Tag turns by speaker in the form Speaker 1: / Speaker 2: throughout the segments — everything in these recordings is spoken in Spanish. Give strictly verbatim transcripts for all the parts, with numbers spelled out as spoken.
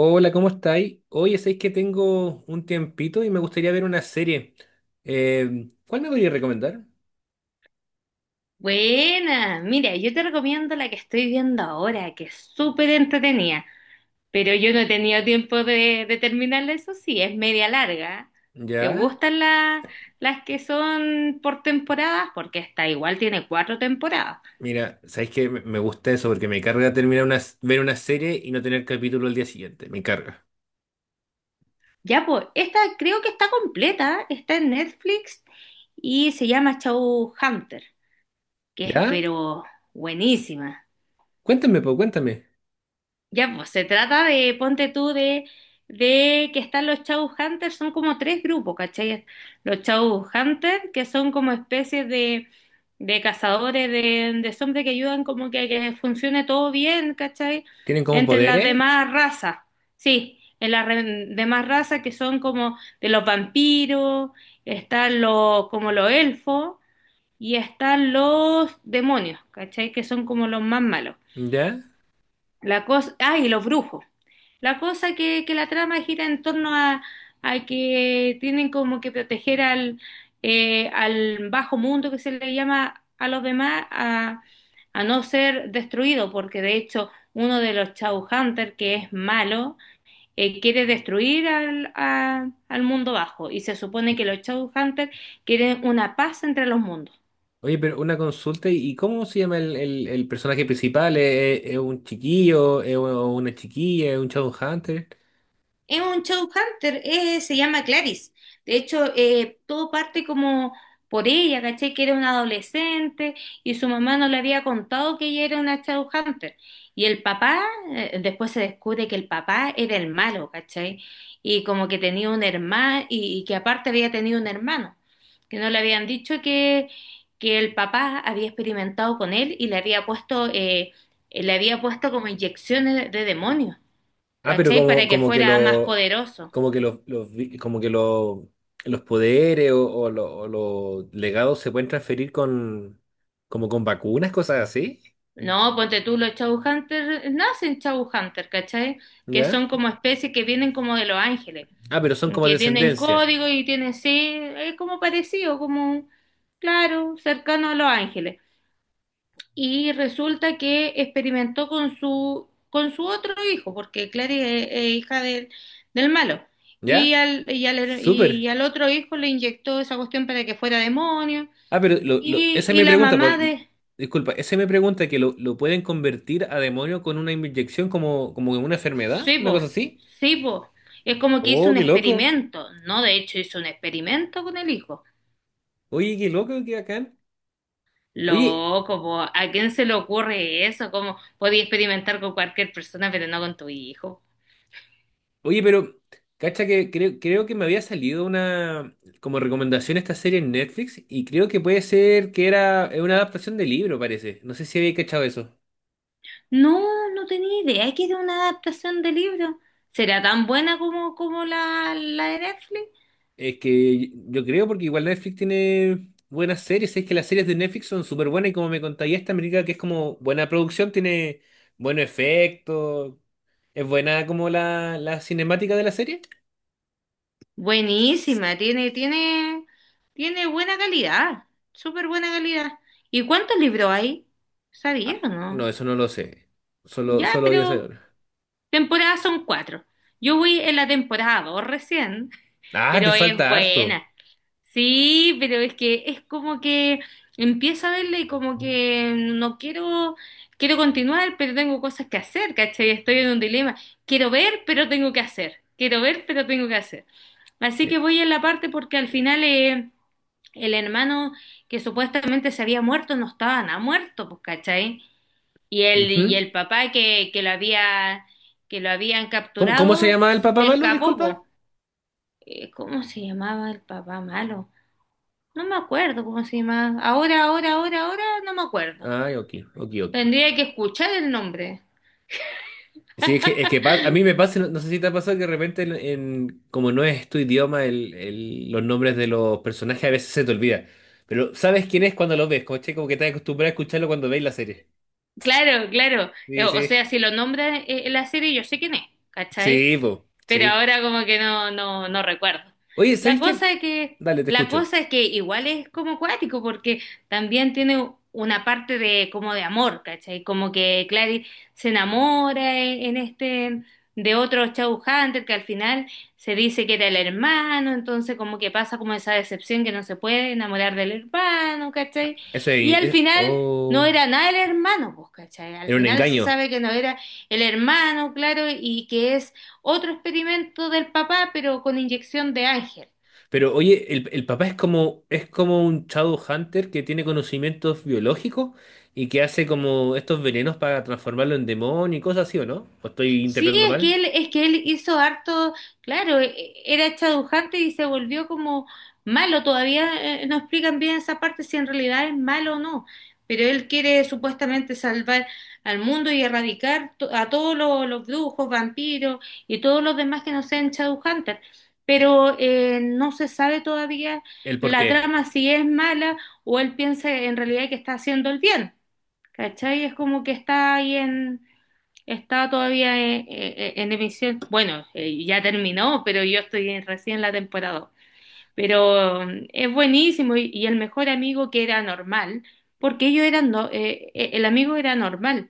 Speaker 1: Hola, ¿cómo estáis? Oye, sabéis que tengo un tiempito y me gustaría ver una serie. Eh, ¿cuál me podrías recomendar?
Speaker 2: Buena, mira, yo te recomiendo la que estoy viendo ahora, que es súper entretenida, pero yo no he tenido tiempo de, de terminarla, eso sí, es media larga. ¿Te
Speaker 1: Ya,
Speaker 2: gustan la- las que son por temporadas? Porque esta igual tiene cuatro temporadas.
Speaker 1: mira, sabéis que me me gusta eso porque me carga terminar una, s- ver una serie y no tener capítulo al día siguiente. Me carga.
Speaker 2: Ya, pues, esta creo que está completa, está en Netflix y se llama Hunter, que es
Speaker 1: ¿Ya?
Speaker 2: pero buenísima.
Speaker 1: Cuéntame, pues, cuéntame.
Speaker 2: Ya, pues se trata de, ponte tú, de, de que están los Hunters, son como tres grupos, ¿cachai? Los Hunters, que son como especies de, de cazadores de, de zombies que ayudan como que, que funcione todo bien, ¿cachai?
Speaker 1: ¿Tienen como
Speaker 2: Entre las
Speaker 1: poderes?
Speaker 2: demás razas, sí, en las re- demás razas que son como de los vampiros, están los, como los elfos, y están los demonios, ¿cachai? Que son como los más malos.
Speaker 1: ¿Ya?
Speaker 2: La cosa, ah, y los brujos. La cosa que, que la trama gira en torno a, a que tienen como que proteger al, eh, al bajo mundo, que se le llama a los demás, a, a no ser destruido, porque de hecho uno de los Shadowhunters que es malo eh, quiere destruir al, a- al mundo bajo, y se supone que los Shadowhunters quieren una paz entre los mundos.
Speaker 1: Oye, pero una consulta, ¿y cómo se llama el, el- el personaje principal? ¿Es, es- es un chiquillo? ¿Es u- ¿una chiquilla? ¿Es un Hunter?
Speaker 2: Es un showhunter, eh, se llama Clarice. De hecho, eh, todo parte como por ella, ¿cachai? Que era una adolescente y su mamá no le había contado que ella era una showhunter. Y el papá, eh, después se descubre que el papá era el malo, ¿cachai? Y como que tenía un hermano, y, y que aparte había tenido un hermano, que no le habían dicho que, que el papá había experimentado con él y le había puesto, eh, le había puesto como inyecciones de de demonios.
Speaker 1: Ah, pero
Speaker 2: ¿Cachai?
Speaker 1: como,
Speaker 2: Para que
Speaker 1: como que
Speaker 2: fuera más
Speaker 1: lo,
Speaker 2: poderoso.
Speaker 1: como que los, los vi- como que lo- los poderes o, o lo- o los legados se pueden transferir con, como con vacunas, cosas así,
Speaker 2: No, ponte tú, los Shadowhunters nacen Shadowhunters, ¿cachai? Que
Speaker 1: ¿ya?
Speaker 2: son como especies que vienen como de los ángeles,
Speaker 1: Ah, pero son como
Speaker 2: que tienen
Speaker 1: descendencia,
Speaker 2: código y tienen, sí, es como parecido, como, claro, cercano a los ángeles. Y resulta que experimentó con su, con su otro hijo, porque Clary es, es hija del, del malo. Y
Speaker 1: ¿ya?
Speaker 2: al, y al, y
Speaker 1: Súper.
Speaker 2: al otro hijo le inyectó esa cuestión para que fuera demonio.
Speaker 1: Ah, pero lo, lo-
Speaker 2: Y,
Speaker 1: esa es
Speaker 2: y
Speaker 1: mi
Speaker 2: la
Speaker 1: pregunta, pues,
Speaker 2: mamá
Speaker 1: l-
Speaker 2: de...
Speaker 1: disculpa, esa es mi pregunta, que lo, lo pueden convertir a demonio con una inyección como, como en una enfermedad,
Speaker 2: Sí,
Speaker 1: una
Speaker 2: po,
Speaker 1: cosa así.
Speaker 2: sí, po. Es como que hizo
Speaker 1: Oh,
Speaker 2: un
Speaker 1: qué loco.
Speaker 2: experimento, ¿no? De hecho, hizo un experimento con el hijo.
Speaker 1: Oye, qué loco, qué bacán. Oye,
Speaker 2: Loco, po, ¿a quién se le ocurre eso? ¿Cómo podía experimentar con cualquier persona, pero no con tu hijo?
Speaker 1: Oye, pero, cacha que creo, creo que me había salido una como recomendación esta serie en Netflix y creo que puede ser que era eh, una adaptación de libro, parece. No sé si había cachado eso.
Speaker 2: No, no tenía idea que era una adaptación de libro. ¿Será tan buena como, como la, la de Netflix?
Speaker 1: Es que yo creo porque igual Netflix tiene buenas series, es que las series de Netflix son súper buenas y como me contaría esta América que es como buena producción, tiene buenos efectos, es buena como la, la cinemática de la serie.
Speaker 2: Buenísima, tiene, tiene, tiene buena calidad, súper buena calidad. ¿Y cuántos libros hay? ¿Sabía
Speaker 1: Ah,
Speaker 2: o
Speaker 1: no,
Speaker 2: no?
Speaker 1: eso no lo sé. Solo,
Speaker 2: Ya,
Speaker 1: solo voy a
Speaker 2: pero...
Speaker 1: saber.
Speaker 2: Temporadas son cuatro. Yo voy en la temporada dos recién,
Speaker 1: Ah, te
Speaker 2: pero es
Speaker 1: falta harto.
Speaker 2: buena. Sí, pero es que es como que empiezo a verla y como que no quiero, quiero continuar, pero tengo cosas que hacer, ¿cachai? Estoy en un dilema. Quiero ver, pero tengo que hacer. Quiero ver, pero tengo que hacer. Así
Speaker 1: Eh,
Speaker 2: que voy en la parte porque al final eh, el hermano que supuestamente se había muerto no estaba nada muerto, pues, ¿cachai? Y el, y
Speaker 1: ujú.
Speaker 2: el papá que, que lo había, que lo habían
Speaker 1: ¿Cómo, cómo se
Speaker 2: capturado
Speaker 1: llama el papá
Speaker 2: se
Speaker 1: malo?
Speaker 2: escapó,
Speaker 1: Disculpa.
Speaker 2: po. Eh, ¿Cómo se llamaba el papá malo? No me acuerdo cómo se llamaba. Ahora, ahora, ahora, ahora no me acuerdo.
Speaker 1: Ay, ok, ok, ok.
Speaker 2: Tendría que escuchar el nombre.
Speaker 1: Sí, es que, es que pa- a mí me pasa, no, no sé si te ha pasado que de repente, en, en- como no es tu idioma, el, el- los nombres de los personajes a veces se te olvida. Pero sabes quién es cuando lo ves, como, che, como que estás acostumbrado a escucharlo cuando veis la serie.
Speaker 2: Claro, claro. Eh,
Speaker 1: Sí,
Speaker 2: O sea,
Speaker 1: sí.
Speaker 2: si lo nombra eh, en la serie, yo sé quién es, ¿cachai?
Speaker 1: Sí, po,
Speaker 2: Pero
Speaker 1: sí.
Speaker 2: ahora como que no, no, no recuerdo.
Speaker 1: Oye,
Speaker 2: La
Speaker 1: ¿sabes qué?
Speaker 2: cosa es que,
Speaker 1: Dale, te
Speaker 2: la
Speaker 1: escucho.
Speaker 2: cosa es que igual es como cuático, porque también tiene una parte de como de amor, ¿cachai? Como que Clary se enamora en, en este de otro Shadow Hunter que al final se dice que era el hermano, entonces como que pasa como esa decepción que no se puede enamorar del hermano,
Speaker 1: Ah,
Speaker 2: ¿cachai?
Speaker 1: eso
Speaker 2: Y
Speaker 1: es.
Speaker 2: al
Speaker 1: es-
Speaker 2: final no
Speaker 1: oh,
Speaker 2: era nada el hermano, pues, ¿cachai? Al
Speaker 1: era un
Speaker 2: final se
Speaker 1: engaño.
Speaker 2: sabe que no era el hermano, claro, y que es otro experimento del papá, pero con inyección de Ángel.
Speaker 1: Pero oye, el, el papá es como, es como un Shadowhunter que tiene conocimientos biológicos y que hace como estos venenos para transformarlo en demonio y cosas así, ¿o no? ¿O estoy
Speaker 2: Sí,
Speaker 1: interpretando
Speaker 2: es
Speaker 1: mal?
Speaker 2: que él, es que él hizo harto, claro, e- era chadujante y se volvió como malo. Todavía eh, no explican bien esa parte si en realidad es malo o no. Pero él quiere supuestamente salvar al mundo y erradicar to- a todos los, los brujos, vampiros y todos los demás que no sean chadujantes. Pero eh, no se sabe todavía
Speaker 1: ¿El por
Speaker 2: la
Speaker 1: qué?
Speaker 2: trama si es mala o él piensa en realidad que está haciendo el bien. ¿Cachai? Es como que está ahí en, está todavía eh, eh, eh, en emisión. Bueno, eh, ya terminó, pero yo estoy en- recién en la temporada dos. Pero mm, es buenísimo, y, y, el mejor amigo que era normal, porque ellos eran, no- eh, eh, el amigo era normal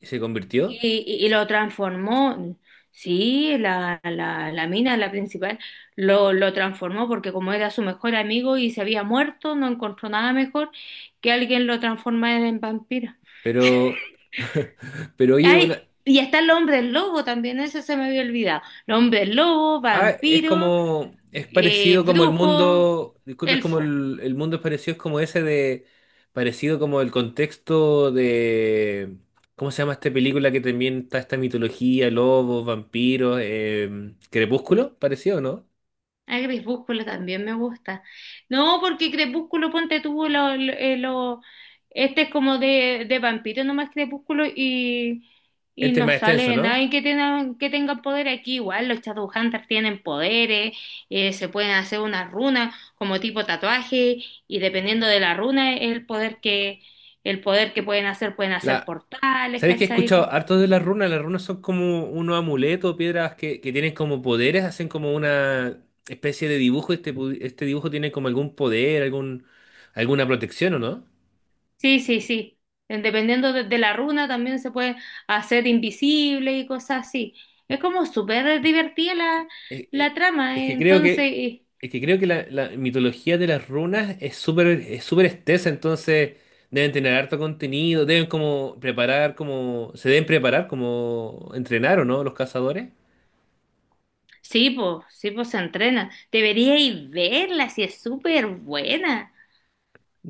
Speaker 1: ¿Y se
Speaker 2: y,
Speaker 1: convirtió?
Speaker 2: y- y lo transformó. Sí, la, la, la mina, la principal, lo, lo transformó porque como era su mejor amigo y se había muerto, no encontró nada mejor que alguien lo transformara en vampiro.
Speaker 1: Pero, pero oye, una-
Speaker 2: Ay, y está el hombre lobo también, eso se me había olvidado. El hombre lobo,
Speaker 1: Ah, es
Speaker 2: vampiro,
Speaker 1: como, es
Speaker 2: eh,
Speaker 1: parecido como el
Speaker 2: brujo,
Speaker 1: mundo, disculpe, es como
Speaker 2: elfo.
Speaker 1: el, el mundo es parecido, es como ese de, parecido como el contexto de, ¿cómo se llama esta película que también está esta mitología, lobos, vampiros, eh, Crepúsculo? Parecido, ¿no?
Speaker 2: Ah, Crepúsculo también me gusta. No, porque Crepúsculo, ponte tú, lo, lo- eh, lo- este es como de, de vampiro nomás, Crepúsculo, y, y
Speaker 1: Este es
Speaker 2: no
Speaker 1: más extenso,
Speaker 2: sale
Speaker 1: ¿no?
Speaker 2: nadie que tenga, que tenga poder aquí. Igual los Shadowhunters tienen poderes, eh, se pueden hacer unas runas como tipo tatuaje, y dependiendo de la runa es el poder que, el poder que pueden hacer, pueden hacer
Speaker 1: La,
Speaker 2: portales,
Speaker 1: ¿sabéis que he
Speaker 2: ¿cachai?
Speaker 1: escuchado
Speaker 2: Cosas
Speaker 1: harto
Speaker 2: así.
Speaker 1: de las runas? Las runas son como unos amuletos, piedras que, que tienen como poderes, hacen como una especie de dibujo, este, pu- este dibujo tiene como algún poder, algún, alguna protección, ¿o no?
Speaker 2: Sí, sí, sí. Eh, Dependiendo de, de la runa también se puede hacer invisible y cosas así. Es como súper divertida la,
Speaker 1: eh, eh,
Speaker 2: la trama.
Speaker 1: es
Speaker 2: eh.
Speaker 1: que creo
Speaker 2: Entonces,
Speaker 1: que,
Speaker 2: eh,
Speaker 1: es que creo que la, la mitología de las runas es súper es súper extensa, entonces deben tener harto contenido, deben como preparar, como, se deben preparar como entrenar o no los cazadores.
Speaker 2: sí, pues, sí, pues se entrena. Deberíais verla, si es súper buena.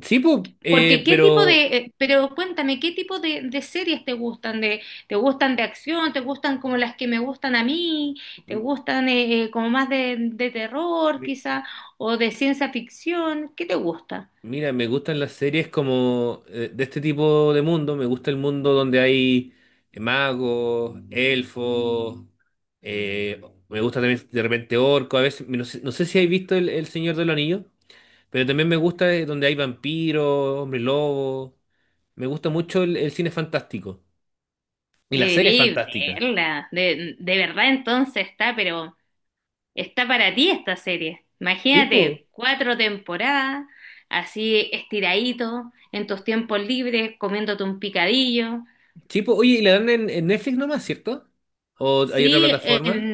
Speaker 1: Sí, pues,
Speaker 2: Porque qué tipo
Speaker 1: pero
Speaker 2: de, eh, Pero cuéntame, ¿qué tipo de, de series te gustan? ¿De, te gustan de acción? ¿Te gustan como las que me gustan a mí? ¿Te
Speaker 1: m-
Speaker 2: gustan eh, eh, como más de, de terror
Speaker 1: mi-
Speaker 2: quizá? ¿O de ciencia ficción? ¿Qué te gusta?
Speaker 1: mira, me gustan las series como eh, de este tipo de mundo. Me gusta el mundo donde hay eh, magos, elfos. eh, Me gusta también de repente orco. A veces, no sé, no sé si habéis visto El, El Señor de los Anillos. Pero también me gusta eh, donde hay vampiros, hombres lobos. Me gusta mucho el, el cine fantástico. Y las series
Speaker 2: Debería
Speaker 1: fantásticas.
Speaker 2: verla. De, de verdad, entonces está, pero está para ti esta serie.
Speaker 1: Sí, pues.
Speaker 2: Imagínate, cuatro temporadas, así estiradito, en tus tiempos libres, comiéndote un picadillo.
Speaker 1: Sí, po. Oye, ¿y la dan en, en Netflix nomás, cierto? ¿O hay otra
Speaker 2: Sí,
Speaker 1: plataforma?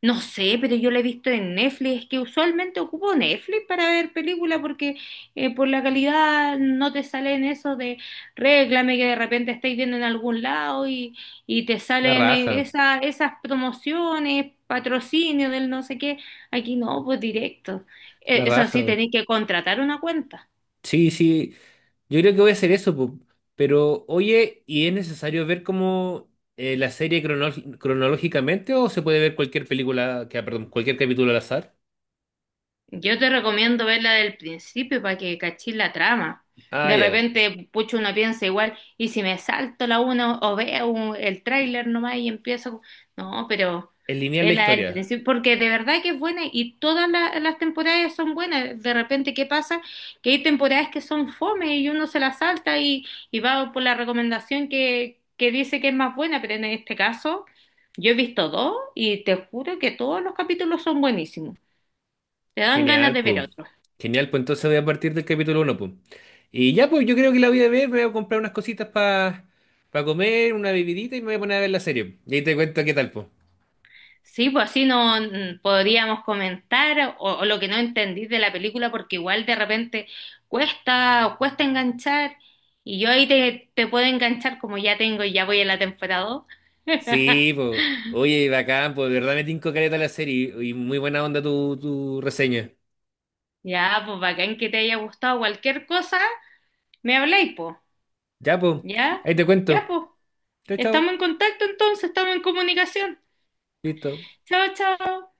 Speaker 2: no sé, pero yo la he visto en Netflix. Es que usualmente ocupo Netflix para ver películas porque eh, por la calidad no te salen eso de réclame que de repente estáis viendo en algún lado, y, y te
Speaker 1: La
Speaker 2: salen eh,
Speaker 1: raja.
Speaker 2: esa- esas promociones, patrocinio del no sé qué. Aquí no, pues directo. Eh,
Speaker 1: La
Speaker 2: Eso sí,
Speaker 1: raja.
Speaker 2: tenéis que contratar una cuenta.
Speaker 1: Sí, sí. Yo creo que voy a hacer eso, po. Pero, oye, ¿y es necesario ver como eh, la serie crono- cronológicamente o se puede ver cualquier película, que, ah, perdón, cualquier capítulo al azar?
Speaker 2: Yo te recomiendo verla del principio para que cachis la trama.
Speaker 1: Ah,
Speaker 2: De
Speaker 1: ya.
Speaker 2: repente, pucho, uno piensa igual, y si me salto la una o veo un- el tráiler nomás y empiezo. No, pero
Speaker 1: Es lineal la
Speaker 2: vela del
Speaker 1: historia.
Speaker 2: principio, porque de verdad que es buena y todas la- las temporadas son buenas. De repente, ¿qué pasa? Que hay temporadas que son fome y uno se las salta y, y va por la recomendación que, que dice que es más buena, pero en este caso, yo he visto dos y te juro que todos los capítulos son buenísimos. Te dan ganas
Speaker 1: Genial,
Speaker 2: de ver
Speaker 1: pues.
Speaker 2: otro.
Speaker 1: Genial, pues entonces voy a partir del capítulo uno, pues. Y ya, pues yo creo que la voy a ver, voy a comprar unas cositas para comer, una bebidita y me voy a poner a ver la serie. Y ahí te cuento qué tal, pues.
Speaker 2: Sí, pues, así no mm, podríamos comentar o, o lo que no entendí de la película, porque igual de repente cuesta, o cuesta enganchar, y yo ahí te, te puedo enganchar como ya tengo y ya voy a la temporada dos.
Speaker 1: Sí, pues. Oye, bacán, pues de verdad me tinco caleta la serie y muy buena onda tu, tu reseña.
Speaker 2: Ya, pues, bacán que te haya gustado. Cualquier cosa, me habláis, pues.
Speaker 1: Ya, pues.
Speaker 2: Ya,
Speaker 1: Ahí te
Speaker 2: ya,
Speaker 1: cuento.
Speaker 2: pues.
Speaker 1: Chao,
Speaker 2: Estamos
Speaker 1: chao.
Speaker 2: en contacto entonces, estamos en comunicación.
Speaker 1: Listo.
Speaker 2: Chao, chao.